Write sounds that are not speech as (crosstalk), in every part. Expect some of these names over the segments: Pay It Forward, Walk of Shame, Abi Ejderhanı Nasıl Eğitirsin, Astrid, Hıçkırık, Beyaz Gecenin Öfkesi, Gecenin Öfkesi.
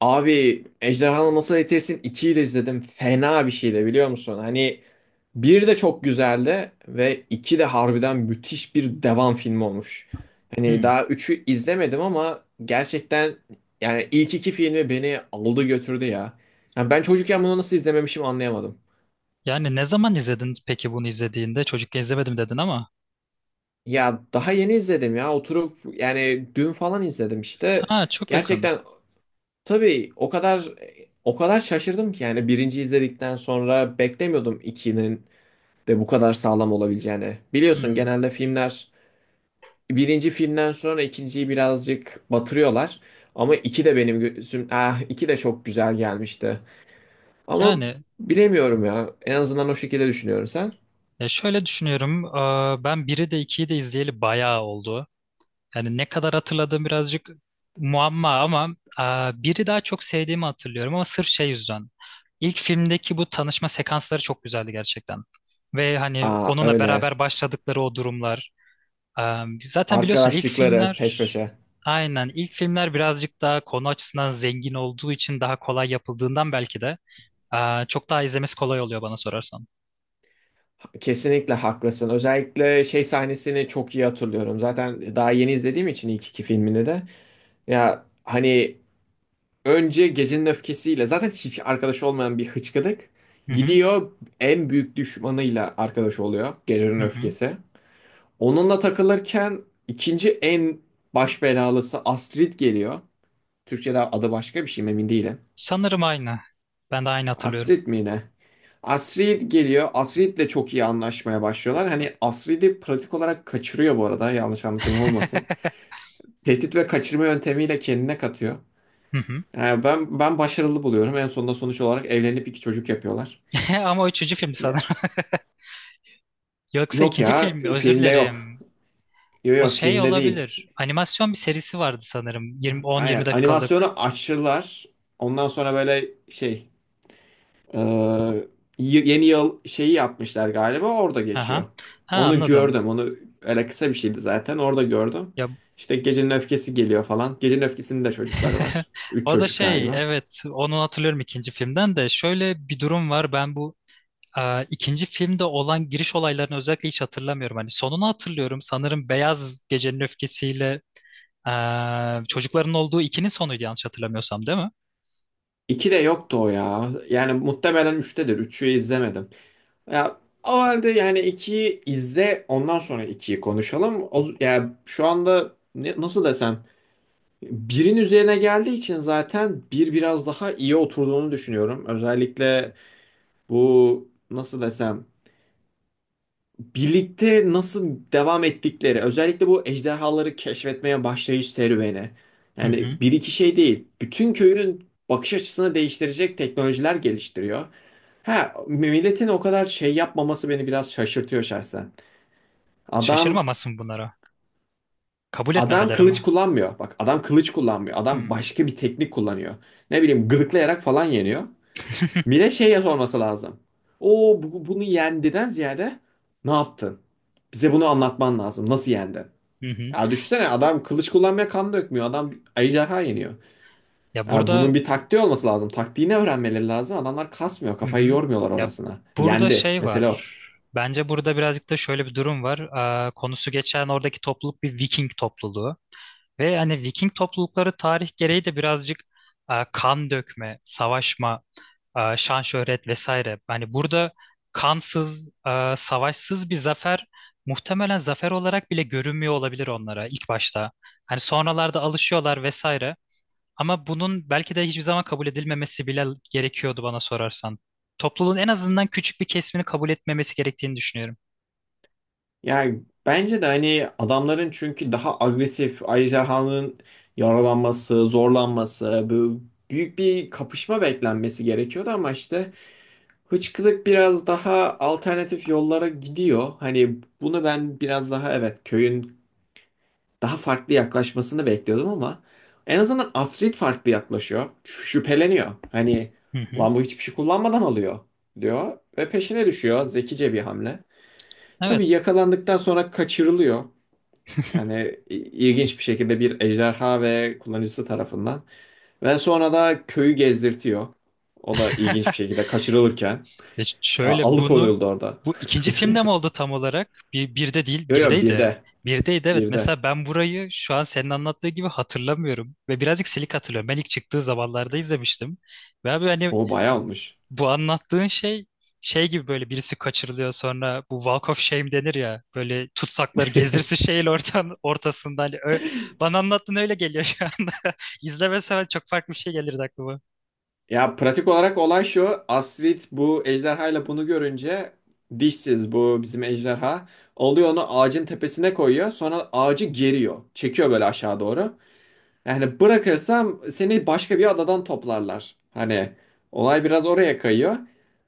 Abi Ejderhanı Nasıl Eğitirsin ikiyi de izledim. Fena bir şeydi biliyor musun? Hani bir de çok güzeldi ve iki de harbiden müthiş bir devam filmi olmuş. Hani Hmm. daha üçü izlemedim ama gerçekten yani ilk iki filmi beni aldı götürdü ya. Yani ben çocukken bunu nasıl izlememişim anlayamadım. Yani ne zaman izledin peki bunu izlediğinde? Çocukken izlemedim dedin ama. Ya daha yeni izledim ya oturup yani dün falan izledim işte. Ha, çok yakın. Gerçekten tabii o kadar o kadar şaşırdım ki yani birinci izledikten sonra beklemiyordum 2'nin de bu kadar sağlam olabileceğini. Biliyorsun Hmm. genelde filmler birinci filmden sonra ikinciyi birazcık batırıyorlar. Ama iki de benim gözüm, ah iki de çok güzel gelmişti. Ama Yani bilemiyorum ya. En azından o şekilde düşünüyorum sen. ya şöyle düşünüyorum. Ben biri de 2'yi de izleyeli bayağı oldu. Yani ne kadar hatırladığım birazcık muamma ama biri daha çok sevdiğimi hatırlıyorum ama sırf şey yüzden. İlk filmdeki bu tanışma sekansları çok güzeldi gerçekten. Ve hani Aa onunla öyle. beraber başladıkları o durumlar. Zaten biliyorsun Arkadaşlıkları peş peşe. İlk filmler birazcık daha konu açısından zengin olduğu için daha kolay yapıldığından belki de çok daha izlemesi kolay oluyor bana sorarsan. Kesinlikle haklısın. Özellikle şey sahnesini çok iyi hatırlıyorum. Zaten daha yeni izlediğim için ilk iki filmini de. Ya hani önce gecenin öfkesiyle zaten hiç arkadaşı olmayan bir hıçkıdık Hı hı, gidiyor, en büyük düşmanıyla arkadaş oluyor gecenin hı hı. öfkesi. Onunla takılırken ikinci en baş belalısı Astrid geliyor. Türkçe'de adı başka bir şey mi emin değilim. Sanırım aynı. Ben de aynı hatırlıyorum. Astrid mi ne? Astrid geliyor. Astrid'le çok iyi anlaşmaya başlıyorlar. Hani Astrid'i pratik olarak kaçırıyor bu arada. Yanlış anlaşılma olmasın. Tehdit ve kaçırma yöntemiyle kendine katıyor. Hı hı. Yani ben başarılı buluyorum. En sonunda sonuç olarak evlenip iki çocuk yapıyorlar. (laughs) Ama o üçüncü film sanırım. Ya, (laughs) Yoksa yok ikinci film ya mi? Özür filmde yok. dilerim. Yok O yok şey filmde değil. olabilir. Animasyon bir serisi vardı sanırım. 20, 10-20 Aynen dakikalık. animasyonu açtılar. Ondan sonra böyle şey e, yeni yıl şeyi yapmışlar galiba orada Aha. geçiyor. Ha, Onu anladım. gördüm onu, öyle kısa bir şeydi zaten orada gördüm. Ya. İşte Gecenin Öfkesi geliyor falan. Gecenin öfkesinde de çocukları (laughs) var. Üç O da çocuk şey, galiba. evet, onu hatırlıyorum. İkinci filmden de şöyle bir durum var, ben bu ikinci filmde olan giriş olaylarını özellikle hiç hatırlamıyorum. Hani sonunu hatırlıyorum sanırım, Beyaz Gecenin Öfkesiyle çocukların olduğu ikinin sonuydu, yanlış hatırlamıyorsam, değil mi? İki de yoktu o ya. Yani muhtemelen üçtedir. Üçü izlemedim. Ya o halde yani 2'yi izle ondan sonra ikiyi konuşalım. O, yani şu anda nasıl desem birin üzerine geldiği için zaten bir biraz daha iyi oturduğunu düşünüyorum. Özellikle bu nasıl desem birlikte nasıl devam ettikleri, özellikle bu ejderhaları keşfetmeye başlayış serüveni. Hı hı. Yani bir iki şey değil. Bütün köyün bakış açısını değiştirecek teknolojiler geliştiriyor. Ha, milletin o kadar şey yapmaması beni biraz şaşırtıyor şahsen. Adam Şaşırmamasın bunlara. Kabul adam etmemeleri mi? kılıç kullanmıyor. Bak adam kılıç kullanmıyor. Hı Adam başka bir teknik kullanıyor. Ne bileyim gıdıklayarak falan yeniyor. Mine şeye sorması lazım. O bunu yendiden ziyade ne yaptın? Bize bunu anlatman lazım. Nasıl yendin? hı. Hı. Ya düşünsene adam kılıç kullanmaya kan dökmüyor. Adam ejderha yeniyor. Ya Ya bunun burada. bir taktiği olması lazım. Taktiğini öğrenmeleri lazım. Adamlar kasmıyor. Hı Kafayı hı. yormuyorlar Ya orasına. burada Yendi. şey Mesela o. var. Bence burada birazcık da şöyle bir durum var. Konusu geçen oradaki topluluk bir Viking topluluğu. Ve hani Viking toplulukları tarih gereği de birazcık kan dökme, savaşma, şan şöhret vesaire. Hani burada kansız, savaşsız bir zafer muhtemelen zafer olarak bile görünmüyor olabilir onlara ilk başta. Hani sonralarda alışıyorlar vesaire. Ama bunun belki de hiçbir zaman kabul edilmemesi bile gerekiyordu bana sorarsan. Topluluğun en azından küçük bir kesimini kabul etmemesi gerektiğini düşünüyorum. Yani bence de hani adamların, çünkü daha agresif, ejderhanın yaralanması, zorlanması, bu büyük bir kapışma beklenmesi gerekiyordu ama işte Hıçkırık biraz daha alternatif yollara gidiyor. Hani bunu ben biraz daha, evet, köyün daha farklı yaklaşmasını bekliyordum ama en azından Astrid farklı yaklaşıyor. Şüpheleniyor. Hani Hı hı. lan bu hiçbir şey kullanmadan alıyor diyor ve peşine düşüyor. Zekice bir hamle. Tabii Evet. yakalandıktan sonra kaçırılıyor. Yani ilginç bir şekilde bir ejderha ve kullanıcısı tarafından. Ve sonra da köyü gezdirtiyor. O da (laughs) ilginç bir şekilde kaçırılırken. E ş- Ya, şöyle bunu, alıkonuldu orada. bu ikinci (laughs) filmde mi oldu tam olarak? Bir, birde değil, Yo yo birdeydi. birde. Birdeydi, evet. Birde. Mesela ben burayı şu an senin anlattığı gibi hatırlamıyorum. Ve birazcık silik hatırlıyorum. Ben ilk çıktığı zamanlarda izlemiştim. Ve abi hani O bayağı olmuş. bu anlattığın şey gibi, böyle birisi kaçırılıyor, sonra bu Walk of Shame denir ya, böyle tutsakları gezdirsin şeyin ortasında, hani bana anlattığın öyle geliyor şu anda. (laughs) İzlemesem çok farklı bir şey gelirdi aklıma. Ya pratik olarak olay şu. Astrid bu ejderhayla bunu görünce, dişsiz bu bizim ejderha. Alıyor onu ağacın tepesine koyuyor. Sonra ağacı geriyor. Çekiyor böyle aşağı doğru. Yani bırakırsam seni başka bir adadan toplarlar. Hani olay biraz oraya kayıyor.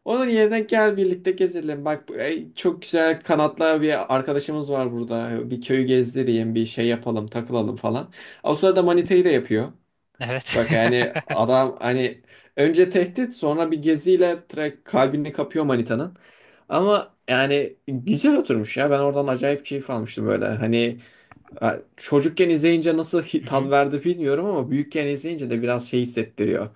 Onun yerine gel birlikte gezelim. Bak ey, çok güzel kanatlı bir arkadaşımız var burada. Bir köyü gezdireyim, bir şey yapalım, takılalım falan. O sırada manitayı da yapıyor. Evet. Bak yani adam hani önce tehdit sonra bir geziyle direkt kalbini kapıyor manitanın. Ama yani güzel oturmuş ya. Ben oradan acayip keyif almıştım böyle. Hani ya, çocukken izleyince nasıl (laughs) Hı hı. tat verdi bilmiyorum ama büyükken izleyince de biraz şey hissettiriyor.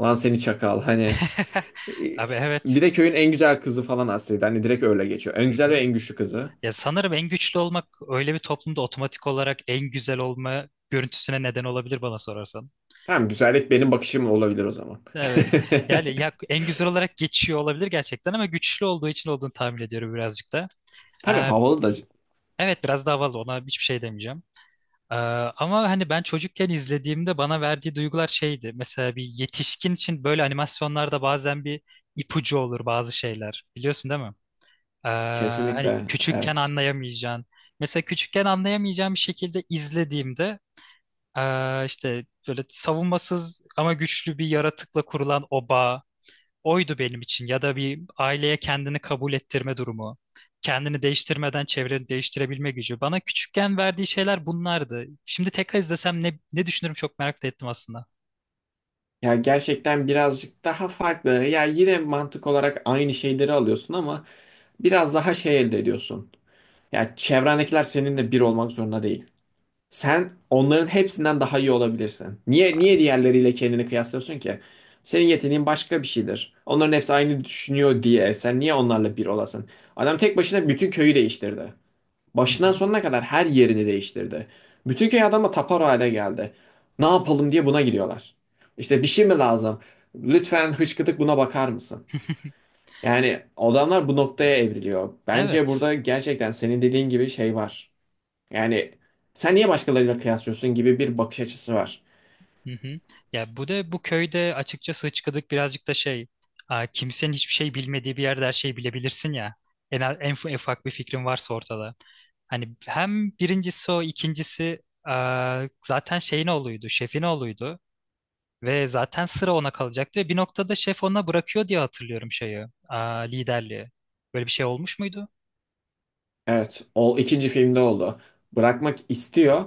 Lan seni çakal hani. (laughs) e, Abi, Bir evet. de köyün en güzel kızı falan aslında. Hani direkt öyle geçiyor. En Hı güzel ve hı. en güçlü kızı. Ya sanırım en güçlü olmak öyle bir toplumda otomatik olarak en güzel olma görüntüsüne neden olabilir bana sorarsan. Tamam, güzellik benim bakışım olabilir o zaman. (laughs) Evet. Yani ya en güzel olarak geçiyor olabilir gerçekten ama güçlü olduğu için olduğunu tahmin ediyorum birazcık da. Tabii Ee, havalı da, evet, biraz daha fazla ona hiçbir şey demeyeceğim. Ee, ama hani ben çocukken izlediğimde bana verdiği duygular şeydi. Mesela bir yetişkin için böyle animasyonlarda bazen bir ipucu olur bazı şeyler. Biliyorsun değil mi? Ee, hani kesinlikle küçükken evet. anlayamayacağın. Mesela küçükken anlayamayacağım bir şekilde izlediğimde işte böyle savunmasız ama güçlü bir yaratıkla kurulan o bağ oydu benim için. Ya da bir aileye kendini kabul ettirme durumu. Kendini değiştirmeden çevreni değiştirebilme gücü. Bana küçükken verdiği şeyler bunlardı. Şimdi tekrar izlesem ne düşünürüm çok merak da ettim aslında. Ya gerçekten birazcık daha farklı. Ya yine mantık olarak aynı şeyleri alıyorsun ama biraz daha şey elde ediyorsun. Ya çevrendekiler seninle bir olmak zorunda değil. Sen onların hepsinden daha iyi olabilirsin. Niye diğerleriyle kendini kıyaslıyorsun ki? Senin yeteneğin başka bir şeydir. Onların hepsi aynı düşünüyor diye sen niye onlarla bir olasın? Adam tek başına bütün köyü değiştirdi. Hı hı. Başından sonuna kadar her yerini değiştirdi. Bütün köy adama tapar hale geldi. Ne yapalım diye buna gidiyorlar. İşte bir şey mi lazım? Lütfen hışkıdık buna bakar mısın? (laughs) Yani adamlar bu noktaya evriliyor. Bence Evet. burada gerçekten senin dediğin gibi şey var. Yani sen niye başkalarıyla kıyaslıyorsun gibi bir bakış açısı var. Hı hı. Ya bu da, bu köyde açıkçası hıçkıdık birazcık da şey, kimsenin hiçbir şey bilmediği bir yerde her şeyi bilebilirsin ya. En ufak bir fikrin varsa ortada. Hani hem birincisi o, ikincisi zaten şeyin oğluydu şefin oğluydu. Ve zaten sıra ona kalacaktı ve bir noktada şef ona bırakıyor diye hatırlıyorum liderliği. Böyle bir şey olmuş muydu? Evet, o ikinci filmde oldu. Bırakmak istiyor.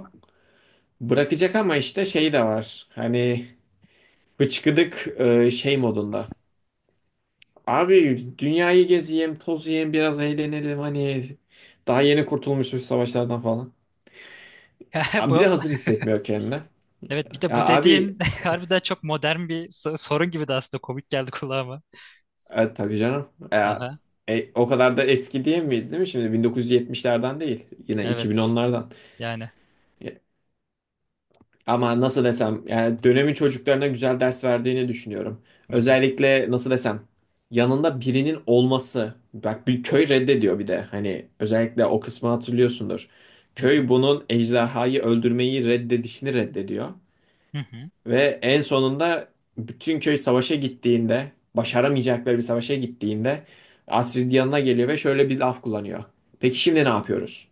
Bırakacak ama işte şey de var. Hani bıçkıdık şey modunda. Abi dünyayı gezeyim, tozayım, biraz eğlenelim, hani daha yeni kurtulmuşuz savaşlardan falan. (laughs) Bir Bu, de hazır hissetmiyor kendini. evet, bir de Ya bu abi dediğin (laughs) harbiden çok modern bir sorun gibi de, aslında komik geldi kulağıma. Tabii canım. Ya, Aha, o kadar da eski diyemeyiz değil mi? Şimdi 1970'lerden değil. Yine evet. 2010'lardan. Yani. Ama nasıl desem yani dönemin çocuklarına güzel ders verdiğini düşünüyorum. Hı hı, Özellikle nasıl desem yanında birinin olması. Bak bir köy reddediyor, bir de hani özellikle o kısmı hatırlıyorsundur. hı hı, Köy bunun ejderhayı öldürmeyi reddedişini reddediyor. hı hı, Ve en sonunda bütün köy savaşa gittiğinde, başaramayacakları bir savaşa gittiğinde, Astrid yanına geliyor ve şöyle bir laf kullanıyor. Peki şimdi ne yapıyoruz?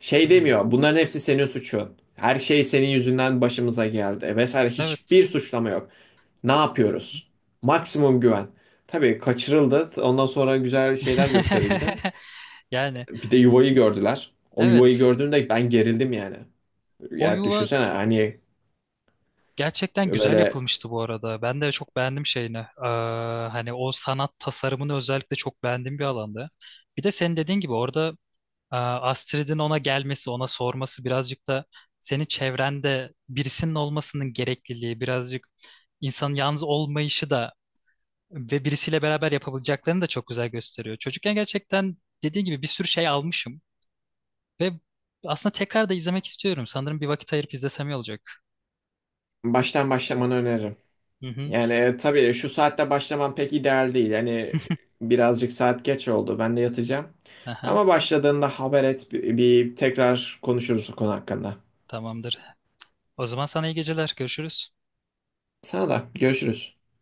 Şey hı. demiyor. Bunların hepsi senin suçun. Her şey senin yüzünden başımıza geldi vesaire. Hiçbir Evet. suçlama yok. Ne yapıyoruz? Maksimum güven. Tabii kaçırıldı. Ondan sonra güzel şeyler gösterildi. (laughs) Yani, Bir de yuvayı gördüler. O yuvayı evet, gördüğümde ben gerildim yani. o Ya yuva düşünsene hani gerçekten güzel böyle yapılmıştı bu arada. Ben de çok beğendim şeyini. Hani o sanat tasarımını özellikle çok beğendiğim bir alanda. Bir de senin dediğin gibi orada Astrid'in ona gelmesi, ona sorması birazcık da senin çevrende birisinin olmasının gerekliliği, birazcık insanın yalnız olmayışı da ve birisiyle beraber yapabileceklerini de çok güzel gösteriyor. Çocukken gerçekten dediğin gibi bir sürü şey almışım ve aslında tekrar da izlemek istiyorum. Sanırım bir vakit ayırıp izlesem iyi olacak. baştan başlamanı öneririm. Hı hı. Yani tabii şu saatte başlaman pek ideal değil. Yani birazcık saat geç oldu. Ben de yatacağım. Aha, Ama başladığında haber et. Bir tekrar konuşuruz o konu hakkında. tamamdır. O zaman sana iyi geceler. Görüşürüz. Sana da görüşürüz.